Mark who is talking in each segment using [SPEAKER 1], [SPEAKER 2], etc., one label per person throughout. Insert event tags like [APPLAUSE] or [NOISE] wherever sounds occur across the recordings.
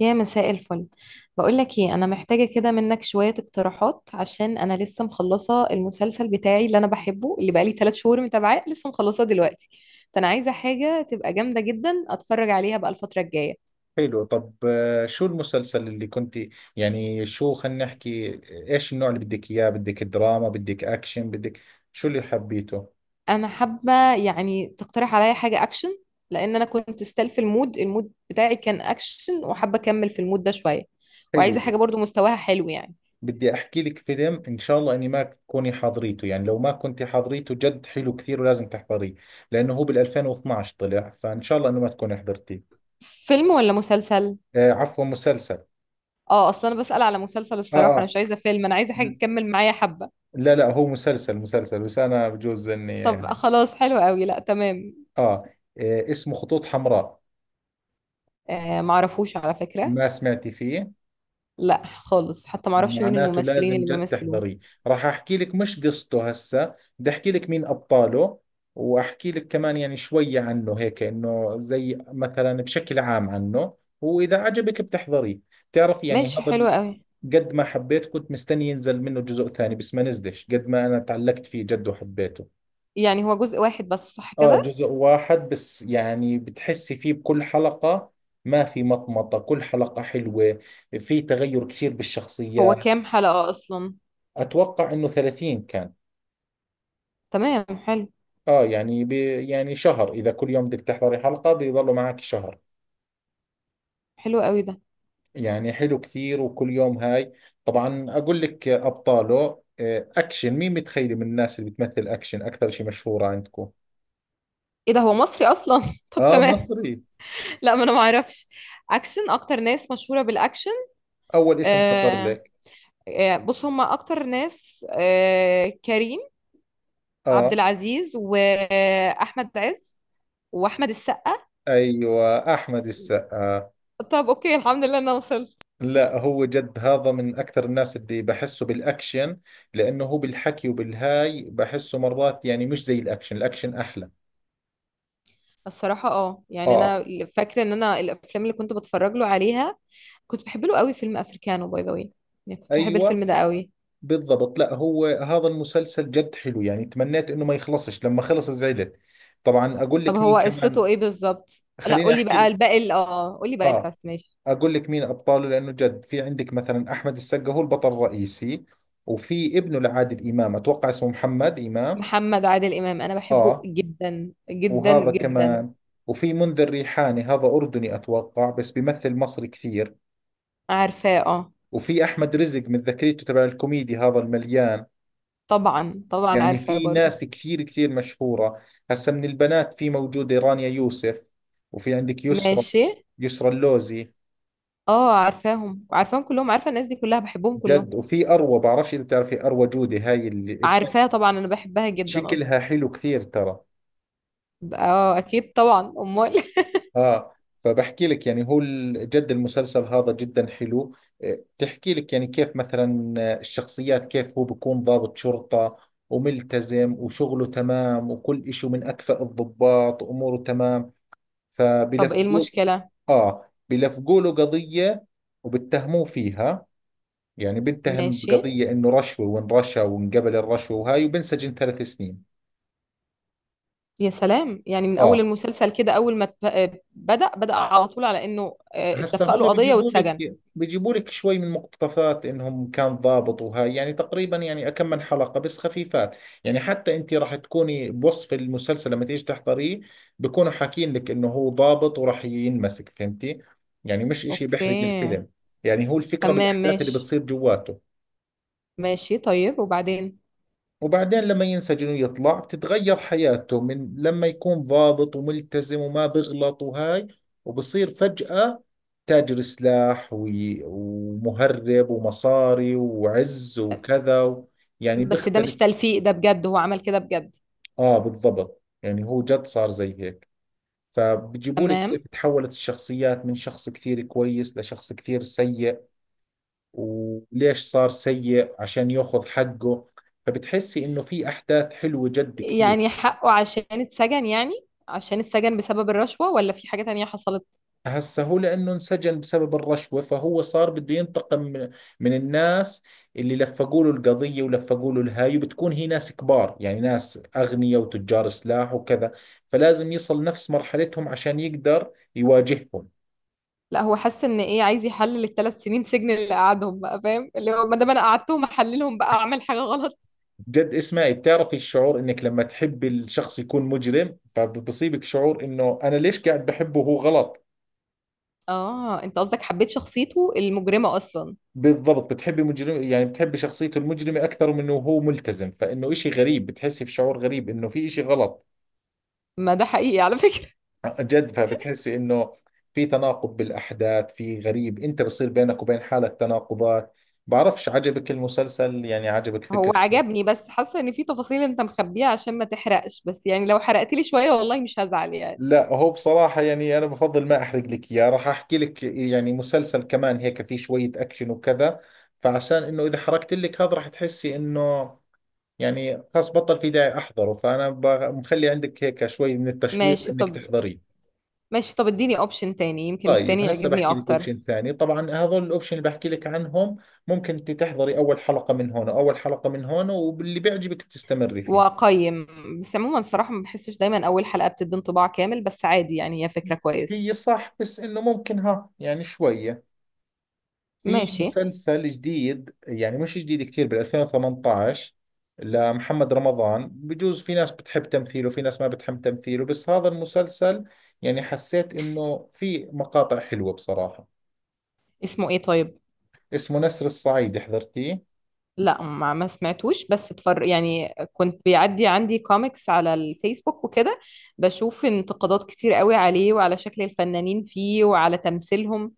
[SPEAKER 1] يا مساء الفل. بقول لك ايه، انا محتاجه كده منك شويه اقتراحات، عشان انا لسه مخلصه المسلسل بتاعي اللي انا بحبه، اللي بقالي 3 شهور متابعاه لسه مخلصاه دلوقتي. فانا عايزه حاجه تبقى جامده جدا اتفرج عليها بقى الفتره الجايه.
[SPEAKER 2] حلو. طب، شو المسلسل اللي كنت يعني، شو؟ خلينا نحكي. ايش النوع اللي بدك اياه؟ بدك دراما؟ بدك اكشن؟ بدك شو اللي حبيته؟
[SPEAKER 1] انا حابه يعني تقترح عليا حاجه اكشن، لان انا كنت ستيل في المود بتاعي كان اكشن، وحابه اكمل في المود ده شويه. وعايزه
[SPEAKER 2] حلو.
[SPEAKER 1] حاجه برضو مستواها حلو يعني.
[SPEAKER 2] بدي احكي لك فيلم، ان شاء الله اني ما تكوني حاضريته، يعني لو ما كنت حاضريته جد حلو كثير ولازم تحضريه. لانه هو بال 2012 طلع، فان شاء الله انه ما تكوني حضرتيه.
[SPEAKER 1] فيلم ولا مسلسل؟
[SPEAKER 2] آه، عفوا، مسلسل.
[SPEAKER 1] اه، اصلا انا بسأل على مسلسل.
[SPEAKER 2] اه
[SPEAKER 1] الصراحه انا
[SPEAKER 2] اه.
[SPEAKER 1] مش عايزه فيلم، انا عايزه حاجه تكمل معايا حبه.
[SPEAKER 2] لا لا، هو مسلسل مسلسل، بس انا بجوز اني
[SPEAKER 1] طب خلاص، حلو قوي، لا تمام.
[SPEAKER 2] آه. اسمه خطوط حمراء.
[SPEAKER 1] آه، معرفوش على فكرة.
[SPEAKER 2] ما سمعتي فيه؟
[SPEAKER 1] لا خالص، حتى معرفش مين
[SPEAKER 2] معناته
[SPEAKER 1] الممثلين
[SPEAKER 2] لازم
[SPEAKER 1] اللي
[SPEAKER 2] جد
[SPEAKER 1] بيمثلوه.
[SPEAKER 2] تحضريه. راح احكي لك مش قصته، هسه بدي احكي لك مين ابطاله، واحكي لك كمان يعني شوية عنه هيك، انه زي مثلا بشكل عام عنه، واذا عجبك بتحضريه. بتعرف يعني
[SPEAKER 1] ماشي،
[SPEAKER 2] هذا
[SPEAKER 1] حلو قوي.
[SPEAKER 2] قد ما حبيت كنت مستني ينزل منه جزء ثاني بس ما نزلش، قد ما انا تعلقت فيه جد وحبيته.
[SPEAKER 1] يعني هو جزء واحد بس، صح
[SPEAKER 2] اه،
[SPEAKER 1] كده؟
[SPEAKER 2] جزء واحد بس، يعني بتحسي فيه بكل حلقة، ما في مطمطة، كل حلقة حلوة. في تغير كثير
[SPEAKER 1] هو
[SPEAKER 2] بالشخصيات.
[SPEAKER 1] كام حلقة اصلا؟
[SPEAKER 2] اتوقع انه 30 كان.
[SPEAKER 1] تمام، حلو.
[SPEAKER 2] اه، يعني يعني شهر، اذا كل يوم بدك تحضري حلقة بيضلوا معك شهر.
[SPEAKER 1] حلو قوي ده.
[SPEAKER 2] يعني حلو كثير وكل يوم هاي. طبعا اقول لك ابطاله. اكشن، مين متخيلي من الناس اللي بتمثل اكشن اكثر شيء مشهورة عندكم؟
[SPEAKER 1] ايه ده، هو مصري اصلا؟ [LAUGHS] طب
[SPEAKER 2] اه
[SPEAKER 1] تمام.
[SPEAKER 2] مصري.
[SPEAKER 1] لا، ما انا معرفش. اكشن؟ اكتر ناس مشهورة بالاكشن؟
[SPEAKER 2] اول اسم خطر
[SPEAKER 1] آه.
[SPEAKER 2] لك.
[SPEAKER 1] بص هما اكتر ناس، كريم عبد
[SPEAKER 2] اه،
[SPEAKER 1] العزيز واحمد عز واحمد السقا.
[SPEAKER 2] ايوه، احمد السقا.
[SPEAKER 1] طب اوكي، الحمد لله انا وصلت.
[SPEAKER 2] لا هو جد هذا من اكثر الناس اللي بحسه بالاكشن، لانه هو بالحكي وبالهاي بحسه مرات، يعني مش زي الاكشن، الاكشن احلى.
[SPEAKER 1] الصراحة يعني
[SPEAKER 2] اه،
[SPEAKER 1] انا فاكرة ان انا الافلام اللي كنت بتفرج له عليها، كنت بحب له قوي فيلم افريكانو باي ذا واي. يعني كنت بحب
[SPEAKER 2] ايوه
[SPEAKER 1] الفيلم ده قوي.
[SPEAKER 2] بالضبط. لا هو هذا المسلسل جد حلو، يعني تمنيت انه ما يخلصش، لما خلص زعلت. طبعا اقول
[SPEAKER 1] طب
[SPEAKER 2] لك
[SPEAKER 1] هو
[SPEAKER 2] مين
[SPEAKER 1] قصته
[SPEAKER 2] كمان.
[SPEAKER 1] ايه بالظبط؟ لا
[SPEAKER 2] خليني
[SPEAKER 1] قولي
[SPEAKER 2] احكي
[SPEAKER 1] بقى
[SPEAKER 2] لك.
[SPEAKER 1] الباقي، قولي بقى
[SPEAKER 2] اه،
[SPEAKER 1] الكاست، ماشي.
[SPEAKER 2] اقول لك مين ابطاله، لانه جد في عندك مثلا احمد السقا هو البطل الرئيسي. وفي ابنه لعادل امام، اتوقع اسمه محمد امام.
[SPEAKER 1] محمد عادل امام انا بحبه
[SPEAKER 2] اه،
[SPEAKER 1] جدا جدا
[SPEAKER 2] وهذا
[SPEAKER 1] جدا.
[SPEAKER 2] كمان. وفي منذر ريحاني، هذا اردني اتوقع بس بيمثل مصري كثير.
[SPEAKER 1] عارفاه اه.
[SPEAKER 2] وفي احمد رزق، من ذاكريته تبع الكوميدي هذا المليان.
[SPEAKER 1] طبعا طبعا
[SPEAKER 2] يعني
[SPEAKER 1] عارفاه
[SPEAKER 2] في
[SPEAKER 1] برضو.
[SPEAKER 2] ناس كثير كثير مشهورة. هسا من البنات في موجودة رانيا يوسف، وفي عندك يسرا.
[SPEAKER 1] ماشي.
[SPEAKER 2] يسرا اللوزي.
[SPEAKER 1] اه، عارفاهم عارفاهم كلهم، عارفة الناس دي كلها بحبهم كلهم.
[SPEAKER 2] جد، وفي أروى، بعرفش إذا بتعرفي أروى جودي، هاي اللي اسمها.
[SPEAKER 1] عارفاها طبعا، انا بحبها جدا
[SPEAKER 2] شكلها
[SPEAKER 1] اصلا.
[SPEAKER 2] حلو كثير ترى.
[SPEAKER 1] اه اكيد، طبعا امال.
[SPEAKER 2] آه، فبحكي لك يعني هو جد المسلسل هذا جدا حلو. إيه، بتحكي لك يعني كيف مثلا الشخصيات، كيف هو بيكون ضابط شرطة وملتزم وشغله تمام وكل إشي، من أكفأ الضباط وأموره تمام،
[SPEAKER 1] [LAUGHS] طب ايه
[SPEAKER 2] فبلفظوه.
[SPEAKER 1] المشكلة؟
[SPEAKER 2] آه، بيلفقوا له قضية وبتهموه فيها. يعني بنتهم
[SPEAKER 1] ماشي.
[SPEAKER 2] بقضية، إنه رشوة وإن رشى وانقبل الرشوة وهاي، وبنسجن 3 سنين.
[SPEAKER 1] يا سلام، يعني من اول
[SPEAKER 2] آه.
[SPEAKER 1] المسلسل كده اول ما بدأ على طول، على انه
[SPEAKER 2] هسا
[SPEAKER 1] اتلفق له
[SPEAKER 2] هم
[SPEAKER 1] قضية
[SPEAKER 2] بيجيبوا لك
[SPEAKER 1] واتسجن.
[SPEAKER 2] بيجيبوا لك شوي من مقتطفات انهم كان ضابط وهاي، يعني تقريبا يعني كم من حلقة بس خفيفات. يعني حتى انت راح تكوني بوصف المسلسل لما تيجي تحضريه، بكونوا حاكين لك انه هو ضابط وراح ينمسك، فهمتي؟ يعني مش اشي بيحرق
[SPEAKER 1] اوكي.
[SPEAKER 2] الفيلم. يعني هو الفكرة
[SPEAKER 1] تمام
[SPEAKER 2] بالاحداث اللي
[SPEAKER 1] ماشي.
[SPEAKER 2] بتصير جواته.
[SPEAKER 1] ماشي طيب، وبعدين؟
[SPEAKER 2] وبعدين لما ينسجن ويطلع بتتغير حياته، من لما يكون ضابط وملتزم وما بغلط وهاي، وبصير فجأة تاجر سلاح ومهرب ومصاري وعز وكذا و، يعني
[SPEAKER 1] بس ده مش
[SPEAKER 2] بيختلف.
[SPEAKER 1] تلفيق، ده بجد هو عمل كده بجد.
[SPEAKER 2] اه، بالضبط، يعني هو جد صار زي هيك. فبجيبوا لك
[SPEAKER 1] تمام.
[SPEAKER 2] كيف تحولت الشخصيات من شخص كثير كويس لشخص كثير سيء، وليش صار سيء؟ عشان ياخذ حقه. فبتحسي انه في احداث حلوة جد كثير.
[SPEAKER 1] يعني حقه عشان اتسجن يعني؟ عشان اتسجن بسبب الرشوة، ولا في حاجة تانية حصلت؟
[SPEAKER 2] هسه هو لأنه انسجن بسبب الرشوة، فهو صار بده ينتقم من الناس اللي لفقوا له القضية ولفقوا له الهاي، وبتكون هي ناس كبار، يعني ناس أغنياء وتجار سلاح وكذا. فلازم يصل نفس مرحلتهم عشان يقدر يواجههم.
[SPEAKER 1] لا، هو حس ان ايه، عايز يحلل ال3 سنين سجن اللي قعدهم، بقى فاهم، اللي هو ما دام انا قعدتهم احللهم، بقى اعمل حاجة غلط.
[SPEAKER 2] جد اسمعي، بتعرفي الشعور انك لما تحبي الشخص يكون مجرم فبصيبك شعور انه انا ليش قاعد بحبه وهو غلط.
[SPEAKER 1] اه انت قصدك حبيت شخصيته المجرمة اصلا؟
[SPEAKER 2] بالضبط، بتحبي مجرم، يعني بتحبي شخصيته المجرمة اكثر من انه هو ملتزم، فانه اشي غريب، بتحسي في شعور غريب انه في اشي غلط.
[SPEAKER 1] ما ده حقيقي على فكرة.
[SPEAKER 2] جد فبتحسي انه في تناقض بالاحداث، في غريب، انت بصير بينك وبين حالك تناقضات. بعرفش عجبك المسلسل؟ يعني عجبك
[SPEAKER 1] هو
[SPEAKER 2] فكرته؟
[SPEAKER 1] عجبني، بس حاسه ان في تفاصيل انت مخبيها عشان ما تحرقش، بس يعني لو حرقت لي شويه والله مش هزعل يعني.
[SPEAKER 2] لا هو بصراحة يعني انا بفضل ما احرق لك اياه، راح احكي لك يعني مسلسل كمان هيك في شوية اكشن وكذا. فعشان انه اذا حرقت لك هذا راح تحسي انه يعني خلاص بطل في داعي احضره، فانا مخلي عندك هيك شوي من التشويق
[SPEAKER 1] ماشي
[SPEAKER 2] انك
[SPEAKER 1] طب.
[SPEAKER 2] تحضريه.
[SPEAKER 1] ماشي طب، اديني اوبشن تاني، يمكن
[SPEAKER 2] طيب
[SPEAKER 1] التاني
[SPEAKER 2] هسه
[SPEAKER 1] يعجبني
[SPEAKER 2] بحكي لك
[SPEAKER 1] اكتر.
[SPEAKER 2] اوبشن ثاني. طبعا هذول الاوبشن اللي بحكي لك عنهم، ممكن انت تحضري اول حلقة من هون واول حلقة من هون، واللي بيعجبك تستمري فيه.
[SPEAKER 1] واقيم. بس عموما الصراحه ما بحسش دايما اول حلقه بتدي انطباع كامل، بس عادي يعني، هي فكره كويسه.
[SPEAKER 2] هي صح، بس انه ممكن ها يعني شوية. في
[SPEAKER 1] ماشي.
[SPEAKER 2] مسلسل جديد، يعني مش جديد كثير، بال 2018، لمحمد رمضان. بجوز في ناس بتحب تمثيله في ناس ما بتحب تمثيله، بس هذا المسلسل يعني حسيت انه في مقاطع حلوة بصراحة.
[SPEAKER 1] اسمه ايه طيب؟
[SPEAKER 2] اسمه نسر الصعيد. حضرتيه؟
[SPEAKER 1] لا، ما سمعتوش، بس اتفر يعني كنت بيعدي عندي كوميكس على الفيسبوك وكده، بشوف انتقادات كتير قوي عليه وعلى شكل الفنانين فيه وعلى تمثيلهم.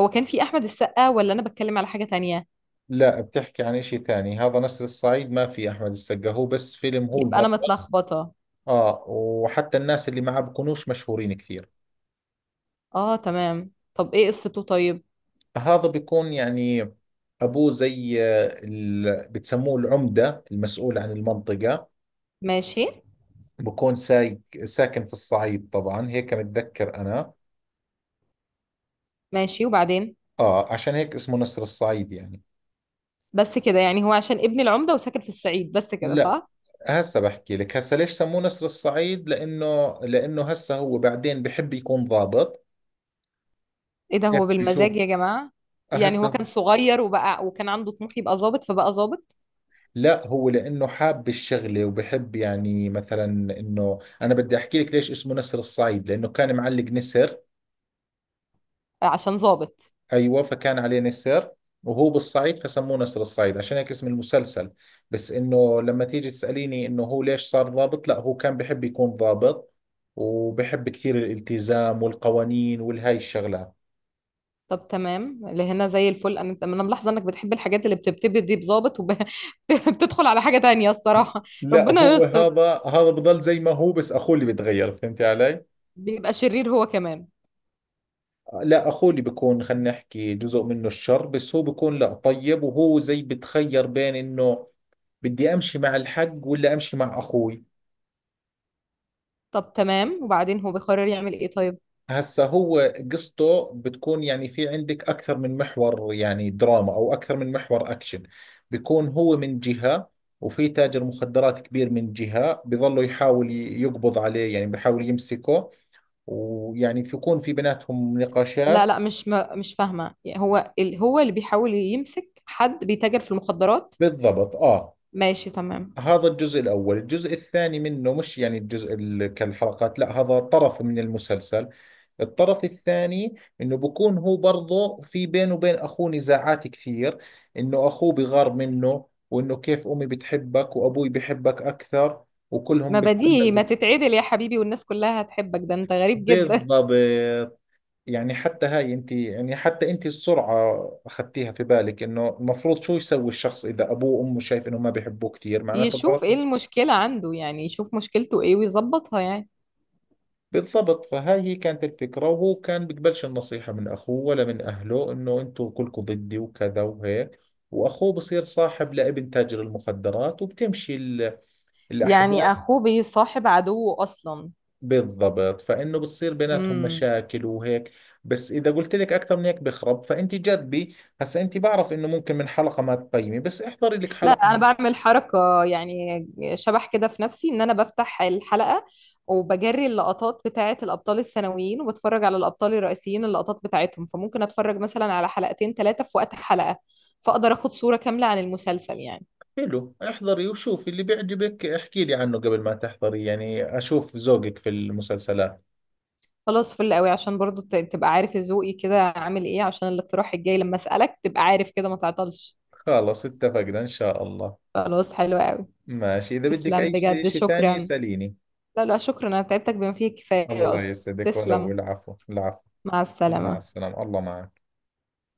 [SPEAKER 1] هو كان في احمد السقا، ولا انا بتكلم على حاجة تانية؟
[SPEAKER 2] لا بتحكي عن اشي ثاني، هذا نسر الصعيد ما في احمد السقا، هو بس فيلم، هو
[SPEAKER 1] يبقى انا
[SPEAKER 2] البطل.
[SPEAKER 1] متلخبطة.
[SPEAKER 2] اه، وحتى الناس اللي معه بكونوش مشهورين كثير.
[SPEAKER 1] اه تمام، طب ايه قصته طيب؟
[SPEAKER 2] هذا بيكون يعني ابوه زي بتسموه العمدة، المسؤول عن المنطقة.
[SPEAKER 1] ماشي.
[SPEAKER 2] بكون سايق ساكن في الصعيد، طبعا هيك متذكر انا.
[SPEAKER 1] ماشي، وبعدين؟
[SPEAKER 2] اه، عشان هيك اسمه نسر الصعيد يعني.
[SPEAKER 1] بس كده يعني، هو عشان ابن العمدة وساكن في الصعيد بس كده،
[SPEAKER 2] لا،
[SPEAKER 1] صح؟
[SPEAKER 2] هسه بحكي لك هسه ليش سموه نسر الصعيد، لانه هسه هو بعدين بحب يكون ضابط.
[SPEAKER 1] ايه ده،
[SPEAKER 2] كيف
[SPEAKER 1] هو بالمزاج
[SPEAKER 2] بيشوف.
[SPEAKER 1] يا جماعة؟ يعني هو كان
[SPEAKER 2] هسه،
[SPEAKER 1] صغير وبقى وكان عنده طموح يبقى ظابط، فبقى ظابط.
[SPEAKER 2] لا هو لانه حاب الشغله، وبحب يعني مثلا انه انا بدي احكي لك ليش اسمه نسر الصعيد، لانه كان معلق نسر.
[SPEAKER 1] عشان ظابط.
[SPEAKER 2] ايوه، فكان عليه نسر وهو بالصعيد، فسموه نسر الصعيد، عشان هيك اسم المسلسل. بس انه لما تيجي تساليني انه هو ليش صار ضابط، لا هو كان بحب يكون ضابط وبحب كثير الالتزام والقوانين والهاي الشغلات.
[SPEAKER 1] طب تمام اللي هنا زي الفل. انا ملاحظه انك بتحب الحاجات اللي بتبتدي دي بظابط وبتدخل [LAUGHS] على حاجه تانية الصراحه.
[SPEAKER 2] لا
[SPEAKER 1] ربنا
[SPEAKER 2] هو
[SPEAKER 1] يستر.
[SPEAKER 2] هذا بضل زي ما هو، بس اخوه اللي بتغير، فهمتي علي؟
[SPEAKER 1] بيبقى شرير هو كمان؟
[SPEAKER 2] لا، اخوه اللي بيكون، خلينا نحكي جزء منه الشر بس، هو بيكون لا طيب، وهو زي بتخير بين انه بدي امشي مع الحق ولا امشي مع اخوي.
[SPEAKER 1] طب تمام، وبعدين؟ هو بيقرر يعمل ايه طيب؟
[SPEAKER 2] هسا هو قصته بتكون يعني في عندك اكثر من محور، يعني دراما او اكثر من محور اكشن. بيكون هو من جهة، وفي تاجر مخدرات كبير من جهة، بظلوا يحاول يقبض عليه، يعني بيحاول يمسكه. ويعني بيكون في بيناتهم
[SPEAKER 1] لا
[SPEAKER 2] نقاشات.
[SPEAKER 1] لا، مش فاهمه يعني، هو اللي بيحاول يمسك حد بيتاجر في المخدرات؟
[SPEAKER 2] بالضبط اه.
[SPEAKER 1] ماشي تمام.
[SPEAKER 2] هذا الجزء الأول، الجزء الثاني منه مش يعني الجزء كالحلقات، لا هذا طرف من المسلسل. الطرف الثاني، انه بكون هو برضه في بينه وبين اخوه نزاعات كثير، انه اخوه بغار منه، وانه كيف امي بتحبك وابوي بحبك اكثر وكلهم
[SPEAKER 1] ما بديهي
[SPEAKER 2] بتعلقوا.
[SPEAKER 1] ما تتعدل يا حبيبي والناس كلها هتحبك، ده انت غريب جدا.
[SPEAKER 2] بالضبط، يعني حتى هاي انت، يعني حتى انت السرعة اخذتيها في بالك، انه المفروض شو يسوي الشخص اذا ابوه وامه شايف انه ما بيحبوه كثير،
[SPEAKER 1] [LAUGHS]
[SPEAKER 2] معناته
[SPEAKER 1] يشوف
[SPEAKER 2] الغلط.
[SPEAKER 1] ايه المشكله عنده يعني، يشوف مشكلته ايه ويظبطها يعني.
[SPEAKER 2] بالضبط، فهاي هي كانت الفكرة، وهو كان بيقبلش النصيحة من أخوه ولا من أهله، إنه أنتوا كلكم ضدي وكذا وهيك. وأخوه بصير صاحب لابن تاجر المخدرات، وبتمشي الأحداث.
[SPEAKER 1] يعني اخوه بيصاحب عدوه اصلا؟
[SPEAKER 2] بالضبط، فإنه بتصير بيناتهم
[SPEAKER 1] امم.
[SPEAKER 2] مشاكل وهيك. بس إذا قلت لك أكثر من هيك بخرب، فأنت جربي. هسا أنت بعرف إنه ممكن من حلقة ما تقيمي، بس احضري لك
[SPEAKER 1] لا،
[SPEAKER 2] حلقة
[SPEAKER 1] انا
[SPEAKER 2] من.
[SPEAKER 1] بعمل حركه يعني، شبح كده في نفسي، ان انا بفتح الحلقه وبجري اللقطات بتاعه الابطال الثانويين وبتفرج على الابطال الرئيسيين اللقطات بتاعتهم، فممكن اتفرج مثلا على حلقتين ثلاثه في وقت حلقه، فاقدر اخد صوره كامله عن المسلسل يعني.
[SPEAKER 2] حلو، احضري وشوفي اللي بيعجبك، احكي لي عنه قبل ما تحضري، يعني أشوف ذوقك في المسلسلات.
[SPEAKER 1] خلاص فل قوي، عشان برضو تبقى عارف ذوقي كده عامل ايه، عشان الاقتراح الجاي لما اسالك تبقى عارف كده، ما تعطلش.
[SPEAKER 2] خلص اتفقنا إن شاء الله.
[SPEAKER 1] خلاص، حلو قوي.
[SPEAKER 2] ماشي، إذا بدك
[SPEAKER 1] تسلم
[SPEAKER 2] أي شيء
[SPEAKER 1] بجد،
[SPEAKER 2] شيء ثاني
[SPEAKER 1] شكرا.
[SPEAKER 2] اسأليني.
[SPEAKER 1] لا لا شكرا، انا تعبتك بما فيه الكفايه
[SPEAKER 2] الله
[SPEAKER 1] اصلا.
[SPEAKER 2] يسعدك، ولو،
[SPEAKER 1] تسلم.
[SPEAKER 2] العفو العفو.
[SPEAKER 1] مع
[SPEAKER 2] مع
[SPEAKER 1] السلامه.
[SPEAKER 2] السلامة، الله معك.